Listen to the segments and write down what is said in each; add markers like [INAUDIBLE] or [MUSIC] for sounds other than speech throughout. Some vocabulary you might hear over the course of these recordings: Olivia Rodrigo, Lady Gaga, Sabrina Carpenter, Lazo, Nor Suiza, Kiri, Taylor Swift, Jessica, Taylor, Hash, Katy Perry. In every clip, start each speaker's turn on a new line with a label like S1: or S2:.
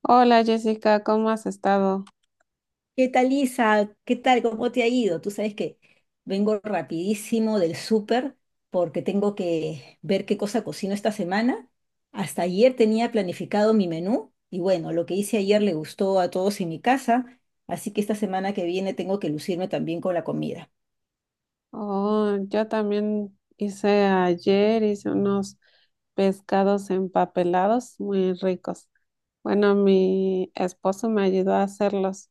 S1: Hola Jessica, ¿cómo has estado?
S2: ¿Qué tal, Isa? ¿Qué tal? ¿Cómo te ha ido? Tú sabes que vengo rapidísimo del súper porque tengo que ver qué cosa cocino esta semana. Hasta ayer tenía planificado mi menú y bueno, lo que hice ayer le gustó a todos en mi casa, así que esta semana que viene tengo que lucirme también con la comida.
S1: Oh, yo también hice ayer, hice unos pescados empapelados muy ricos. Bueno, mi esposo me ayudó a hacerlos,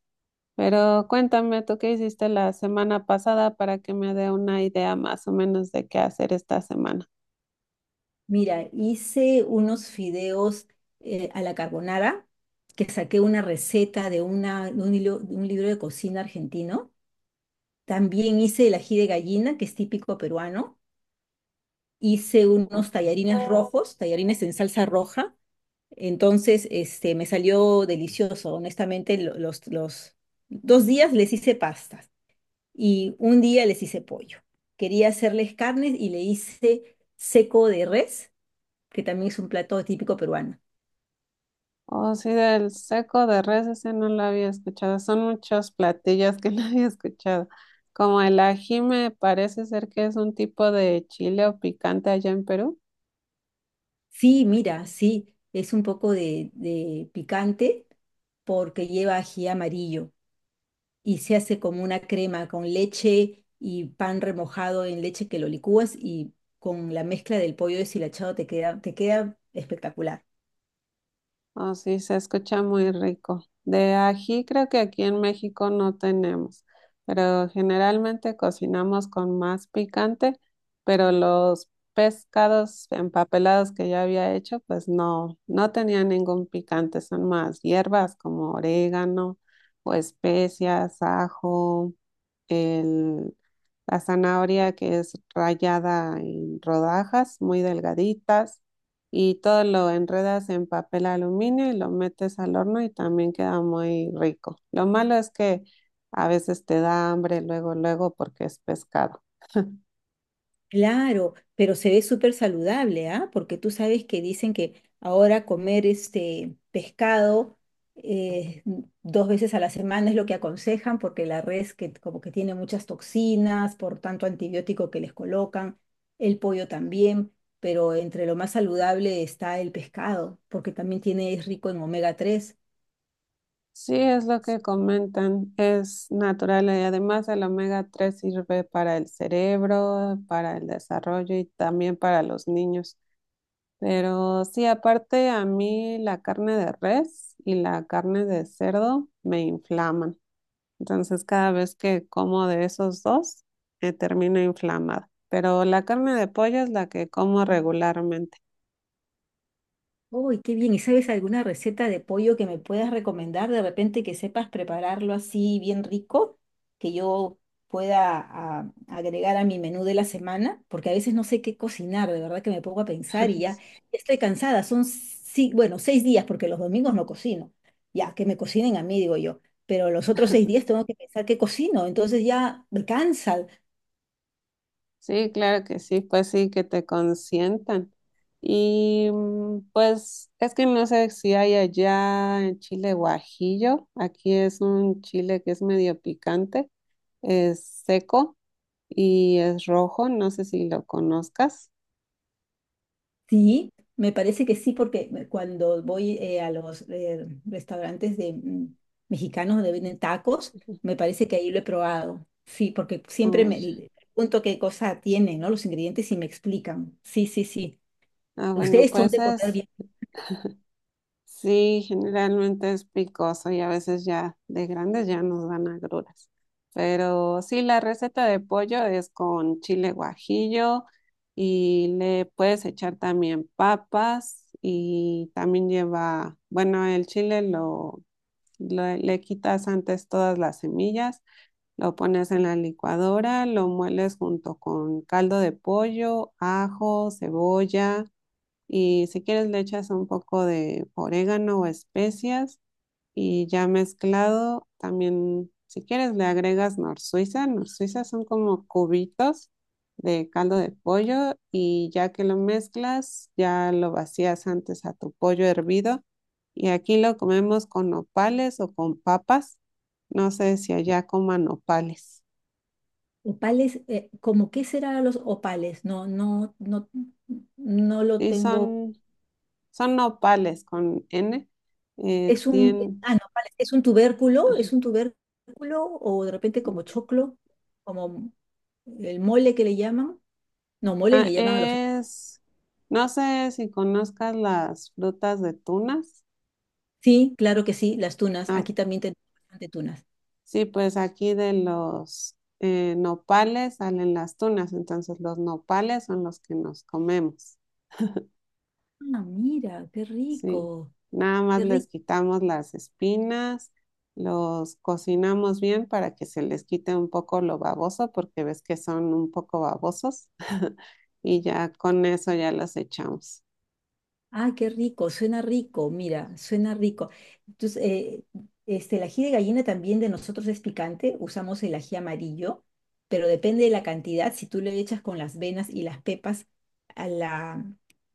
S1: pero cuéntame, ¿tú qué hiciste la semana pasada para que me dé una idea más o menos de qué hacer esta semana?
S2: Mira, hice unos fideos a la carbonara que saqué una receta de, una, de un hilo- de un libro de cocina argentino. También hice el ají de gallina, que es típico peruano. Hice unos tallarines rojos, tallarines en salsa roja. Entonces, me salió delicioso. Honestamente, los 2 días les hice pastas y un día les hice pollo. Quería hacerles carnes y le hice seco de res, que también es un plato típico peruano.
S1: Oh, sí, del seco de res, ese no lo había escuchado. Son muchos platillos que [LAUGHS] no había escuchado. Como el ají me parece ser que es un tipo de chile o picante allá en Perú.
S2: Sí, mira, sí, es un poco de picante porque lleva ají amarillo. Y se hace como una crema con leche y pan remojado en leche que lo licúas y con la mezcla del pollo deshilachado te queda espectacular.
S1: Oh, sí, se escucha muy rico. De ají creo que aquí en México no tenemos, pero generalmente cocinamos con más picante, pero los pescados empapelados que yo había hecho, pues no, no tenían ningún picante, son más hierbas como orégano o especias, ajo, el- la zanahoria, que es rallada en rodajas muy delgaditas, y todo lo enredas en papel aluminio y lo metes al horno y también queda muy rico. Lo malo es que a veces te da hambre luego, luego porque es pescado.
S2: Claro, pero se ve súper saludable, ¿ah? Porque tú sabes que dicen que ahora comer este pescado dos veces a la semana es lo que aconsejan, porque la res que como que tiene muchas toxinas, por tanto antibiótico que les colocan, el pollo también, pero entre lo más saludable está el pescado, porque también tiene, es rico en omega-3.
S1: Sí, es lo que comentan, es natural y además el omega 3 sirve para el cerebro, para el desarrollo y también para los niños. Pero sí, aparte a mí la carne de res y la carne de cerdo me inflaman. Entonces cada vez que como de esos dos, termino inflamada. Pero la carne de pollo es la que como regularmente.
S2: Uy, qué bien. ¿Y sabes alguna receta de pollo que me puedas recomendar de repente que sepas prepararlo así bien rico, que yo pueda agregar a mi menú de la semana? Porque a veces no sé qué cocinar, de verdad que me pongo a pensar y ya
S1: [LAUGHS]
S2: estoy cansada. Son, sí, bueno, 6 días porque los domingos no cocino. Ya, que me cocinen a mí, digo yo. Pero los otros 6 días tengo que pensar qué cocino. Entonces ya me cansa.
S1: Sí, claro que sí, pues sí, que te consientan. Y pues es que no sé si hay allá en Chile guajillo. Aquí es un chile que es medio picante, es seco y es rojo, no sé si lo conozcas.
S2: Sí, me parece que sí, porque cuando voy a los restaurantes de mexicanos donde venden tacos, me parece que ahí lo he probado. Sí, porque siempre
S1: Oh, ya.
S2: me pregunto qué cosa tienen, ¿no? Los ingredientes y me explican. Sí, sí, sí.
S1: Ah, bueno,
S2: Ustedes son
S1: pues
S2: de comer
S1: es,
S2: bien.
S1: sí, generalmente es picoso y a veces ya de grandes ya nos dan agruras. Pero sí, la receta de pollo es con chile guajillo y le puedes echar también papas y también lleva, bueno, el chile le quitas antes todas las semillas. Lo pones en la licuadora, lo mueles junto con caldo de pollo, ajo, cebolla. Y si quieres le echas un poco de orégano o especias, y ya mezclado, también si quieres le agregas nor Suiza. Nor Suiza son como cubitos de caldo de pollo, y ya que lo mezclas, ya lo vacías antes a tu pollo hervido, y aquí lo comemos con nopales o con papas. No sé si allá coman nopales.
S2: Opales, ¿cómo qué será los opales? No, no, no, no lo
S1: Sí,
S2: tengo.
S1: son, son nopales con N. Eh,
S2: Es un,
S1: tien-
S2: no, opales, es un tubérculo,
S1: ajá.
S2: es un tubérculo o de repente como choclo, como el mole que le llaman. No, mole
S1: Ah,
S2: le llaman a los...
S1: es, no sé si conozcas las frutas de tunas.
S2: Sí, claro que sí, las tunas.
S1: Ah,
S2: Aquí también tenemos bastante tunas.
S1: sí, pues aquí de los nopales salen las tunas, entonces los nopales son los que nos comemos.
S2: Ah, mira, qué
S1: Sí,
S2: rico,
S1: nada más
S2: qué
S1: les
S2: rico.
S1: quitamos las espinas, los cocinamos bien para que se les quite un poco lo baboso, porque ves que son un poco babosos, [LAUGHS] y ya con eso ya los echamos.
S2: Ay, qué rico, suena rico, mira, suena rico. Entonces, el ají de gallina también de nosotros es picante, usamos el ají amarillo, pero depende de la cantidad. Si tú le echas con las venas y las pepas a la,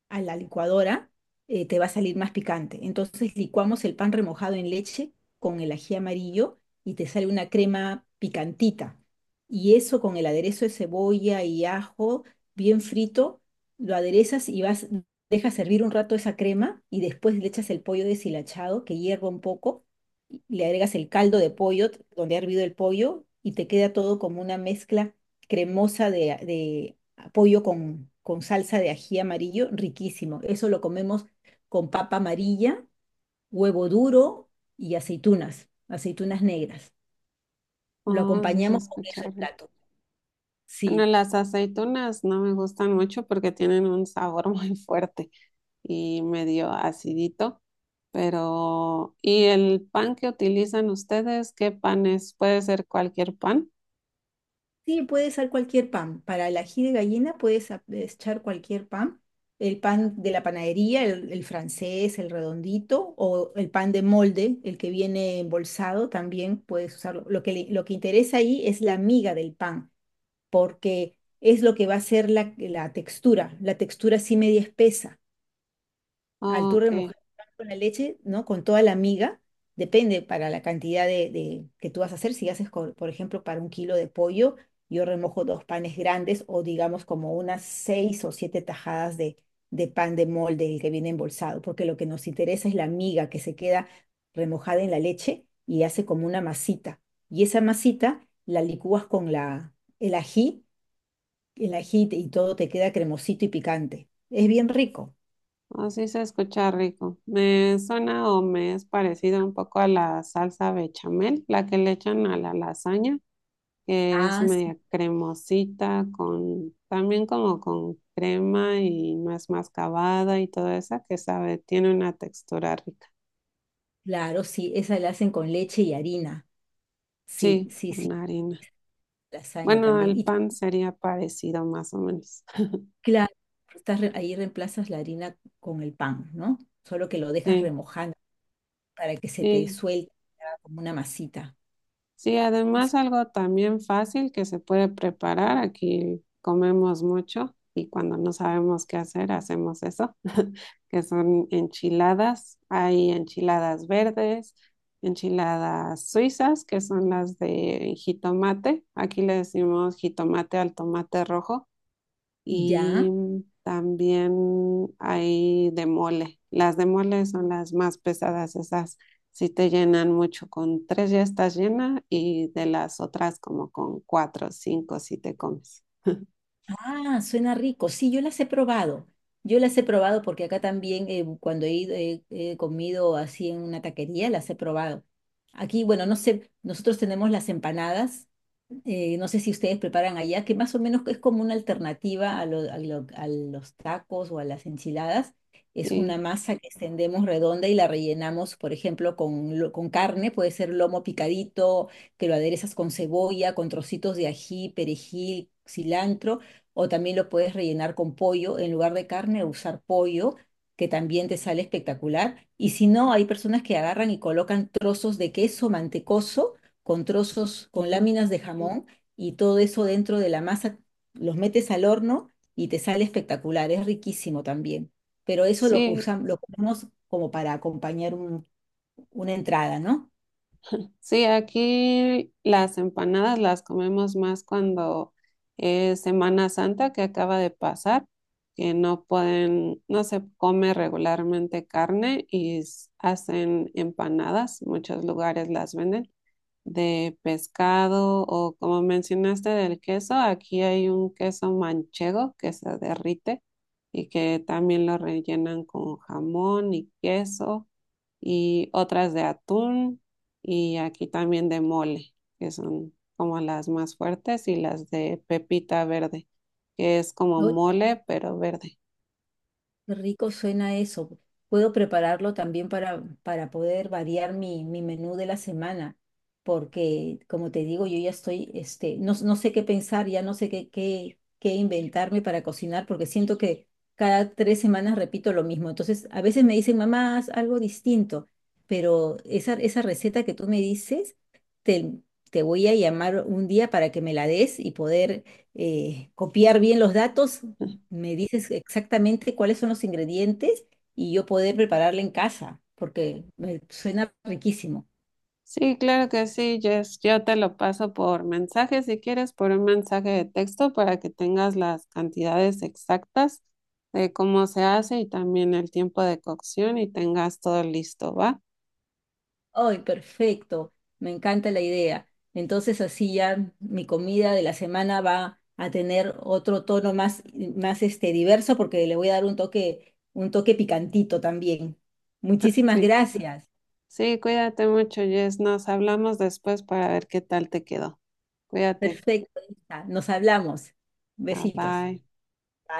S2: a la licuadora, te va a salir más picante. Entonces, licuamos el pan remojado en leche con el ají amarillo y te sale una crema picantita. Y eso con el aderezo de cebolla y ajo bien frito lo aderezas y vas dejas hervir un rato esa crema y después le echas el pollo deshilachado que hierva un poco, y le agregas el caldo de pollo donde ha hervido el pollo y te queda todo como una mezcla cremosa pollo con salsa de ají amarillo, riquísimo. Eso lo comemos con papa amarilla, huevo duro y aceitunas, aceitunas negras. Lo
S1: Oh, sí se
S2: acompañamos con
S1: escucha
S2: eso el
S1: rico.
S2: plato.
S1: Bueno,
S2: Sí.
S1: las aceitunas no me gustan mucho porque tienen un sabor [LAUGHS] muy fuerte y medio acidito, pero ¿y el pan que utilizan ustedes? ¿Qué pan es? ¿Puede ser cualquier pan?
S2: Sí, puede ser cualquier pan. Para el ají de gallina puedes echar cualquier pan. El pan de la panadería, el francés, el redondito, o el pan de molde, el que viene embolsado, también puedes usarlo. Lo que interesa ahí es la miga del pan, porque es lo que va a ser la, la textura así media espesa. Al
S1: Oh,
S2: tú
S1: ok,
S2: remojar el pan con la leche, ¿no? Con toda la miga, depende para la cantidad de que tú vas a hacer. Si haces, por ejemplo, para 1 kilo de pollo, yo remojo dos panes grandes o digamos como unas seis o siete tajadas de pan de molde el que viene embolsado, porque lo que nos interesa es la miga que se queda remojada en la leche y hace como una masita. Y esa masita la licúas con el ají, el ají y todo te queda cremosito y picante. Es bien rico.
S1: oh, sí se escucha rico. Me suena o me es parecido un poco a la salsa bechamel, la que le echan a la lasaña, que es
S2: Ah,
S1: media cremosita, con también como con crema y más mascabada y toda esa que sabe, tiene una textura rica.
S2: claro, sí, esa la hacen con leche y harina. Sí,
S1: Sí,
S2: sí, sí,
S1: con harina.
S2: lasaña
S1: Bueno,
S2: también.
S1: el
S2: Y
S1: pan sería parecido más o menos.
S2: claro, ahí reemplazas la harina con el pan, ¿no? Solo que lo dejas
S1: Sí,
S2: remojando para que se te
S1: sí,
S2: suelte se haga como una masita.
S1: sí,
S2: Es-
S1: además algo también fácil que se puede preparar. Aquí comemos mucho y cuando no sabemos qué hacer, hacemos eso, [LAUGHS] que son enchiladas. Hay enchiladas verdes, enchiladas suizas, que son las de jitomate. Aquí le decimos jitomate al tomate rojo, y
S2: ¿Ya?
S1: también hay de mole. Las de mole son las más pesadas, esas sí te llenan mucho. Con tres ya estás llena y de las otras como con cuatro o cinco si te comes.
S2: Ah, suena rico. Sí, yo las he probado. Yo las he probado porque acá también cuando he ido, he comido así en una taquería, las he probado. Aquí, bueno, no sé, nosotros tenemos las empanadas no sé si ustedes preparan allá, que más o menos es como una alternativa a los tacos o a las enchiladas. Es una
S1: Sí,
S2: masa que extendemos redonda y la rellenamos, por ejemplo, con carne, puede ser lomo picadito, que lo aderezas con cebolla, con trocitos de ají, perejil, cilantro, o también lo puedes rellenar con pollo, en lugar de carne, usar pollo, que también te sale espectacular. Y si no, hay personas que agarran y colocan trozos de queso mantecoso con trozos, con
S1: ujú.
S2: láminas de jamón y todo eso dentro de la masa, los metes al horno y te sale espectacular, es riquísimo también. Pero eso lo
S1: Sí,
S2: usamos, lo comemos como para acompañar una entrada, ¿no?
S1: sí, aquí las empanadas las comemos más cuando es Semana Santa, que acaba de pasar, que no pueden, no se come regularmente carne y hacen empanadas, muchos lugares las venden de pescado o como mencionaste del queso, aquí hay un queso manchego que se derrite y que también lo rellenan con jamón y queso, y otras de atún, y aquí también de mole, que son como las más fuertes, y las de pepita verde, que es como
S2: Lo-
S1: mole pero verde.
S2: Qué rico suena eso. Puedo prepararlo también para poder variar mi menú de la semana, porque como te digo, yo ya estoy, no, no sé qué pensar, ya no sé qué inventarme para cocinar, porque siento que cada 3 semanas repito lo mismo. Entonces, a veces me dicen, mamá, haz algo distinto, pero esa receta que tú me dices, te, te voy a llamar un día para que me la des y poder copiar bien los datos me dices exactamente cuáles son los ingredientes y yo poder prepararla en casa, porque me suena riquísimo.
S1: Sí, claro que sí, Jess. Yo te lo paso por mensaje, si quieres, por un mensaje de texto para que tengas las cantidades exactas de cómo se hace y también el tiempo de cocción y tengas todo listo, ¿va?
S2: ¡Ay, perfecto! Me encanta la idea. Entonces así ya mi comida de la semana va a tener otro tono más diverso porque le voy a dar un toque picantito también.
S1: [LAUGHS]
S2: Muchísimas
S1: Sí.
S2: gracias.
S1: Sí, cuídate mucho, Jess. Nos hablamos después para ver qué tal te quedó. Cuídate.
S2: Perfecto, Isa. Nos hablamos.
S1: Bye
S2: Besitos.
S1: bye.